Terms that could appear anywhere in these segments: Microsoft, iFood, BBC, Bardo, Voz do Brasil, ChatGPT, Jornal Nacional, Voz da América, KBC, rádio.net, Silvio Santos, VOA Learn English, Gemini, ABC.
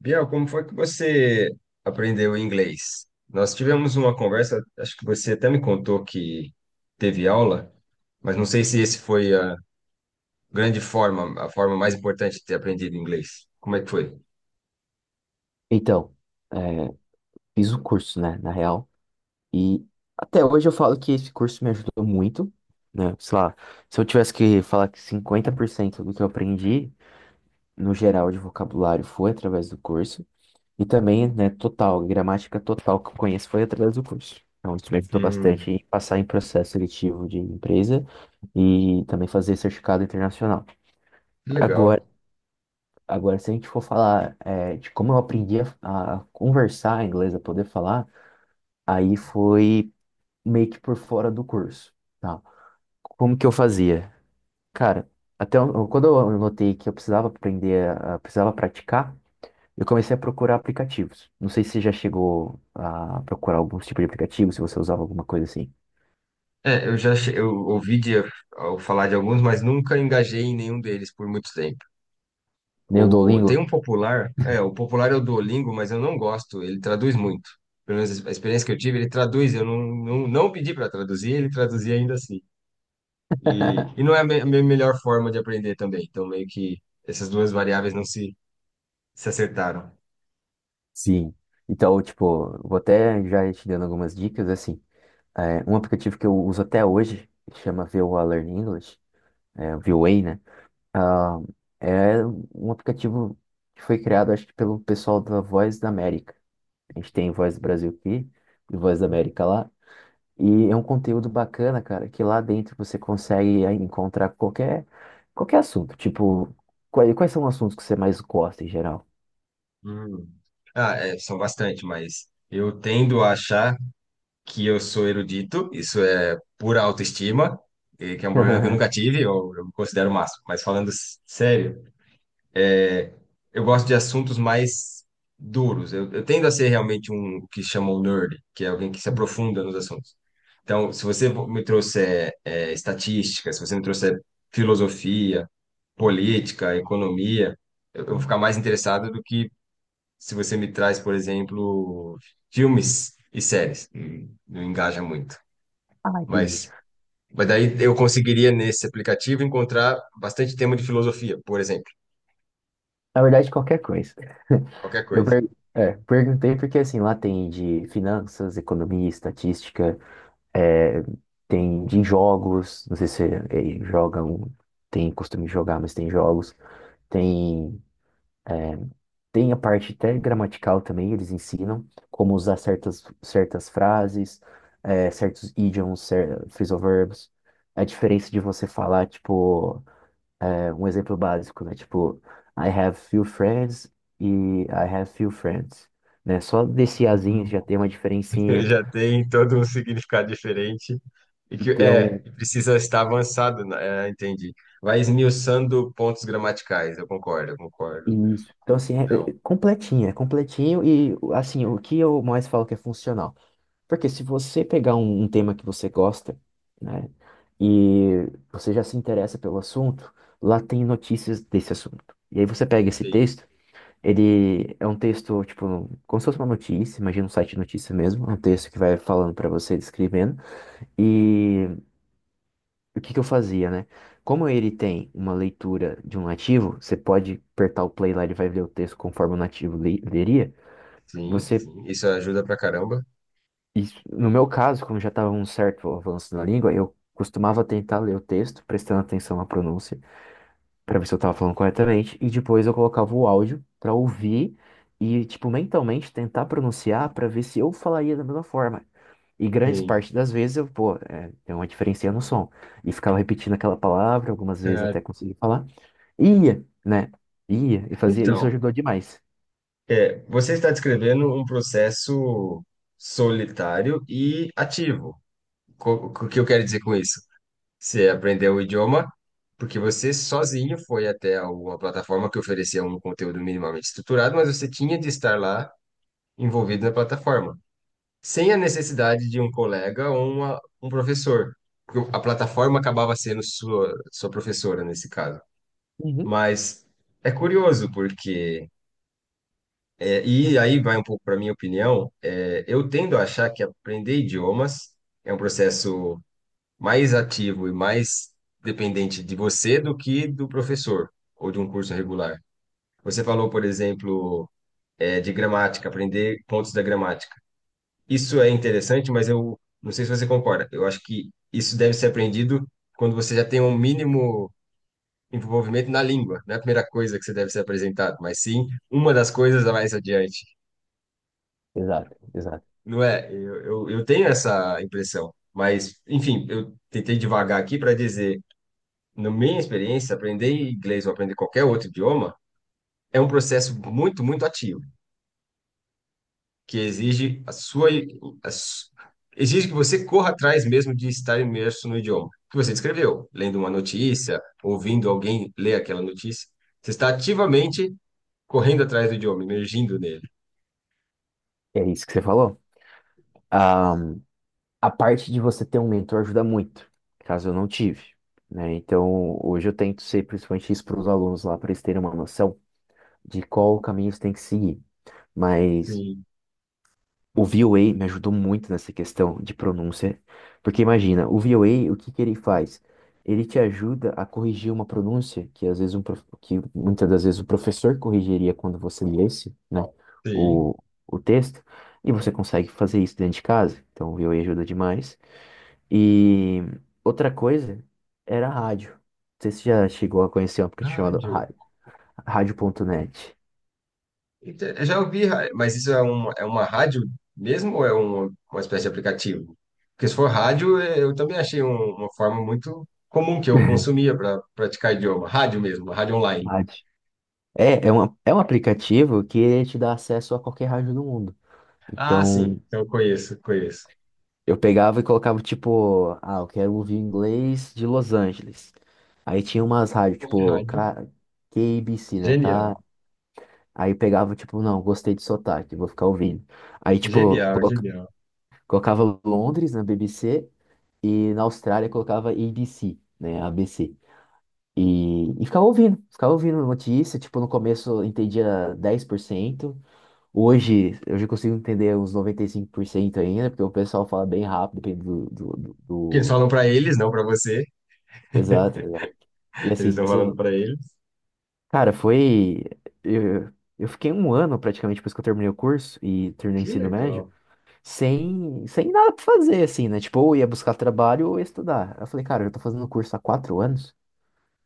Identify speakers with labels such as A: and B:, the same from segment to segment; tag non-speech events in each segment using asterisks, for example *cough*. A: Biel, como foi que você aprendeu inglês? Nós tivemos uma conversa, acho que você até me contou que teve aula, mas não sei se esse foi a grande forma, a forma mais importante de ter aprendido inglês. Como é que foi?
B: Então, é, fiz um curso, né, na real, e até hoje eu falo que esse curso me ajudou muito, né, sei lá, se eu tivesse que falar que 50% do que eu aprendi, no geral, de vocabulário foi através do curso, e também, né, total, gramática total que eu conheço foi através do curso. Então, isso me ajudou
A: Hum,
B: bastante em passar em processo seletivo de empresa e também fazer certificado internacional.
A: que
B: Agora,
A: legal.
B: agora se a gente for falar, de como eu aprendi a conversar em inglês, a poder falar, aí foi meio que por fora do curso, tá? Como que eu fazia? Cara, quando eu notei que eu precisava aprender, precisava praticar, eu comecei a procurar aplicativos. Não sei se você já chegou a procurar algum tipo de aplicativo, se você usava alguma coisa assim.
A: Eu ouvi de, ao falar de alguns, mas nunca engajei em nenhum deles por muito tempo.
B: Nem o
A: O, tem
B: Duolingo?
A: um popular é o Duolingo, mas eu não gosto, ele traduz muito. Pelo menos a experiência que eu tive, ele traduz, eu não pedi para traduzir, ele traduzia ainda assim. E não é a minha melhor forma de aprender também, então meio que essas duas variáveis se acertaram.
B: Sim. Então, tipo, vou até já ir te dando algumas dicas, é assim. É, um aplicativo que eu uso até hoje, que chama VOA Learn English, VOA, né? Ah, é um aplicativo que foi criado, acho que pelo pessoal da Voz da América. A gente tem Voz do Brasil aqui e Voz da América lá. E é um conteúdo bacana, cara, que lá dentro você consegue aí encontrar qualquer assunto. Tipo, quais são os assuntos que você mais gosta em geral?
A: Hum. Ah, é, são bastante, mas eu tendo a achar que eu sou erudito, isso é pura autoestima, e que é um problema que eu nunca
B: *laughs*
A: tive, eu me considero o máximo, mas falando s- sério. É, eu gosto de assuntos mais duros. Eu tendo a ser realmente um o que chamam nerd, que é alguém que se aprofunda nos assuntos. Então, se você me trouxer é, estatística, se você me trouxer filosofia, política, economia, eu vou ficar mais interessado do que se você me traz, por exemplo, filmes e séries. Não engaja muito.
B: Ah, entendi.
A: Mas, mas daí eu conseguiria, nesse aplicativo, encontrar bastante tema de filosofia, por exemplo,
B: Na verdade, qualquer coisa. *laughs*
A: qualquer coisa.
B: Perguntei porque, assim, lá tem de finanças, economia, estatística. É, tem de jogos, não sei se jogam, tem costume de jogar, mas tem jogos. Tem, é, tem a parte até gramatical também, eles ensinam como usar certas frases, certos idioms, cer phrasal verbs. A diferença de você falar, tipo, um exemplo básico, né? Tipo, I have few friends e I have few friends. Né? Só desse azinho
A: Uhum.
B: já tem uma
A: *laughs*
B: diferencinha.
A: Já tem todo um significado diferente e que é
B: Então,
A: precisa estar avançado, né? É, entendi. Vai esmiuçando pontos gramaticais, eu concordo, eu concordo.
B: isso. Então, assim,
A: Então,
B: é completinho e, assim, o que eu mais falo que é funcional. Porque se você pegar um tema que você gosta, né, e você já se interessa pelo assunto, lá tem notícias desse assunto. E aí você pega esse
A: sim,
B: texto, ele é um texto, tipo, como se fosse uma notícia, imagina um site de notícia mesmo, é um texto que vai falando para você, descrevendo, o que que eu fazia, né? Como ele tem uma leitura de um nativo, você pode apertar o play lá, ele vai ler o texto conforme o nativo leria. Você,
A: sim, isso ajuda pra caramba.
B: no meu caso, como já estava um certo avanço na língua, eu costumava tentar ler o texto, prestando atenção à pronúncia, para ver se eu estava falando corretamente, e depois eu colocava o áudio para ouvir e, tipo, mentalmente tentar pronunciar para ver se eu falaria da mesma forma. E grande
A: Sim.
B: parte das vezes eu, pô, tem uma diferença no som. E ficava repetindo aquela palavra, algumas vezes
A: É,
B: até conseguir falar. Ia, né? Ia, e fazia, isso
A: então,
B: ajudou demais.
A: é, você está descrevendo um processo solitário e ativo. Co- O que eu quero dizer com isso? Você aprendeu o idioma porque você sozinho foi até alguma plataforma que oferecia um conteúdo minimamente estruturado, mas você tinha de estar lá envolvido na plataforma, sem a necessidade de um colega ou um professor. Porque a plataforma acabava sendo sua professora nesse caso.
B: Uhum.
A: Mas é curioso porque, é, e aí vai um pouco para minha opinião, é, eu tendo a achar que aprender idiomas é um processo mais ativo e mais dependente de você do que do professor ou de um curso regular. Você falou, por exemplo, eh, de gramática, aprender pontos da gramática. Isso é interessante, mas eu não sei se você concorda. Eu acho que isso deve ser aprendido quando você já tem um mínimo envolvimento na língua. Não é a primeira coisa que você deve ser apresentado, mas sim uma das coisas a mais adiante.
B: Exato, exato.
A: Não é? Eu tenho essa impressão. Mas, enfim, eu tentei divagar aqui para dizer na minha experiência, aprender inglês ou aprender qualquer outro idioma é um processo muito, muito ativo, que exige a sua, a su- exige que você corra atrás mesmo de estar imerso no idioma que você escreveu, lendo uma notícia, ouvindo alguém ler aquela notícia. Você está ativamente correndo atrás do idioma, emergindo nele.
B: É isso que você falou. Ah, a parte de você ter um mentor ajuda muito, caso eu não tive, né? Então, hoje eu tento ser principalmente isso para os alunos lá, para eles terem uma noção de qual caminho você tem que seguir. Mas
A: Sim,
B: o VOA me ajudou muito nessa questão de pronúncia, porque imagina, o VOA, o A, o que que ele faz? Ele te ajuda a corrigir uma pronúncia que às vezes que muitas das vezes o professor corrigiria quando você lesse, né,
A: sim.
B: o, o texto, e você consegue fazer isso dentro de casa. Então o VOA ajuda demais. E outra coisa era a rádio. Não sei se você já chegou a conhecer um aplicativo chamado
A: Rádio.
B: rádio.net.
A: Inte- Eu já ouvi, ra- mas isso é uma rádio mesmo ou é uma espécie de aplicativo? Porque se for rádio, eh, eu também achei uma forma muito comum que eu consumia para praticar idioma. Rádio mesmo, rádio online.
B: Rádio. É, é um aplicativo que ele te dá acesso a qualquer rádio do mundo.
A: Ah, sim,
B: Então,
A: então, eu conheço, conheço.
B: eu pegava e colocava, tipo, ah, eu quero ouvir inglês de Los Angeles. Aí tinha umas rádios,
A: Pô,
B: tipo,
A: Rádio,
B: K... KBC, né? K...
A: genial,
B: Aí pegava, tipo, não, gostei de sotaque, vou ficar ouvindo. Aí, tipo,
A: genial.
B: colocava Londres na BBC e na Austrália colocava ABC, né? ABC. E ficava ouvindo notícia, tipo, no começo eu entendia 10%. Hoje, hoje eu consigo entender uns 95% ainda, porque o pessoal fala bem rápido, depende do, do, do-
A: Porque eles
B: do-
A: falam para eles, não para você.
B: Exato, exato. E
A: *laughs* Eles
B: assim,
A: estão falando
B: cê-
A: para eles.
B: Cara, foi... Eu, eu fiquei um ano, praticamente, depois que eu terminei o curso e terminei o
A: Que
B: ensino médio,
A: legal.
B: sem nada pra fazer, assim, né? Tipo, ou ia buscar trabalho ou ia estudar. Eu falei, cara, eu tô fazendo o curso há 4 anos,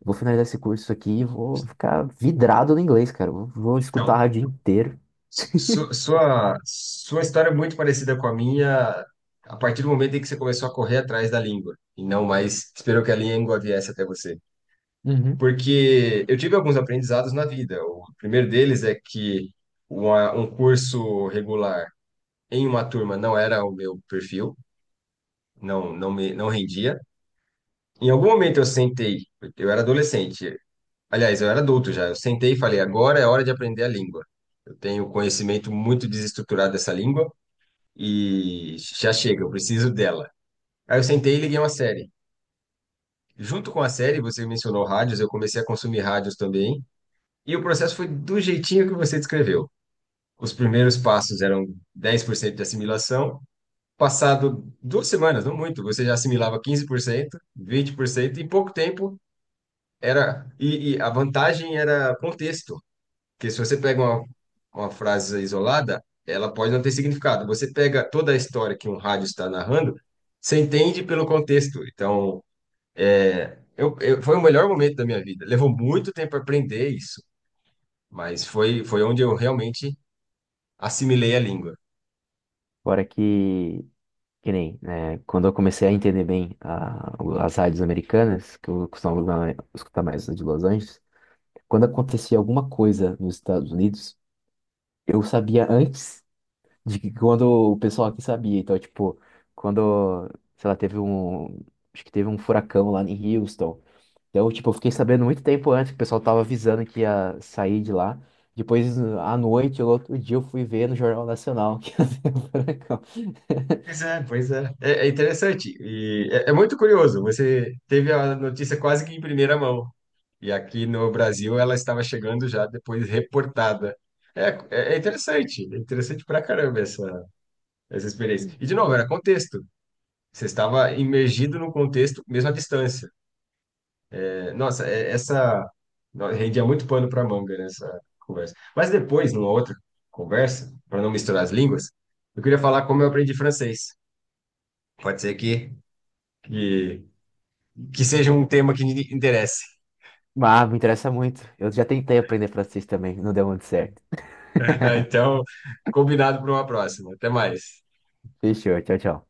B: vou finalizar esse curso aqui e vou ficar vidrado no inglês, cara. Vou escutar a
A: Então,
B: rádio inteiro.
A: Sua história é muito parecida com a minha, a partir do momento em que você começou a correr atrás da língua, e não mais esperou que a língua viesse até você.
B: Uhum.
A: Porque eu tive alguns aprendizados na vida. O primeiro deles é que um curso regular em uma turma não era o meu perfil, não rendia. Em algum momento eu sentei, eu era adolescente, aliás, eu era adulto já, eu sentei e falei, agora é hora de aprender a língua. Eu tenho conhecimento muito desestruturado dessa língua e já chega, eu preciso dela. Aí eu sentei e liguei uma série. Junto com a série, você mencionou rádios, eu comecei a consumir rádios também. E o processo foi do jeitinho que você descreveu. Os primeiros passos eram 10% de assimilação. Passado duas semanas, não muito, você já assimilava 15%, 20%, e em pouco tempo era. E a vantagem era contexto. Porque se você pega uma frase isolada, ela pode não ter significado. Você pega toda a história que um rádio está narrando, você entende pelo contexto. Então, foi o melhor momento da minha vida. Levou muito tempo aprender isso, mas foi onde eu realmente assimilei a língua.
B: Fora que... Que nem, né, quando eu comecei a entender as rádios americanas, que eu costumava escutar mais as de Los Angeles, quando acontecia alguma coisa nos Estados Unidos, eu sabia antes de que quando o pessoal aqui sabia. Então, tipo, quando, sei lá, teve um, acho que teve um furacão lá em Houston. Então, tipo, eu fiquei sabendo muito tempo antes que o pessoal tava avisando que ia sair de lá. Depois, à noite, ou outro dia, eu fui ver no Jornal Nacional *laughs* que ia ter um furacão.
A: Pois é, pois é. É, é interessante. É muito curioso. Você teve a notícia quase que em primeira mão. E aqui no Brasil ela estava chegando já depois reportada. É interessante pra caramba essa experiência. E, de novo, era contexto. Você estava imergido no contexto, mesmo à distância. É, nossa, é- essa. No- Rendia muito pano para manga nessa conversa. Mas depois, numa outra conversa, para não misturar as línguas, eu queria falar como eu aprendi francês. Pode ser que, que seja um tema que interesse.
B: Ah, me interessa muito. Eu já tentei aprender francês também, não deu muito certo.
A: *laughs*
B: *laughs*
A: Então, combinado para uma próxima. Até mais.
B: Fechou, tchau, tchau.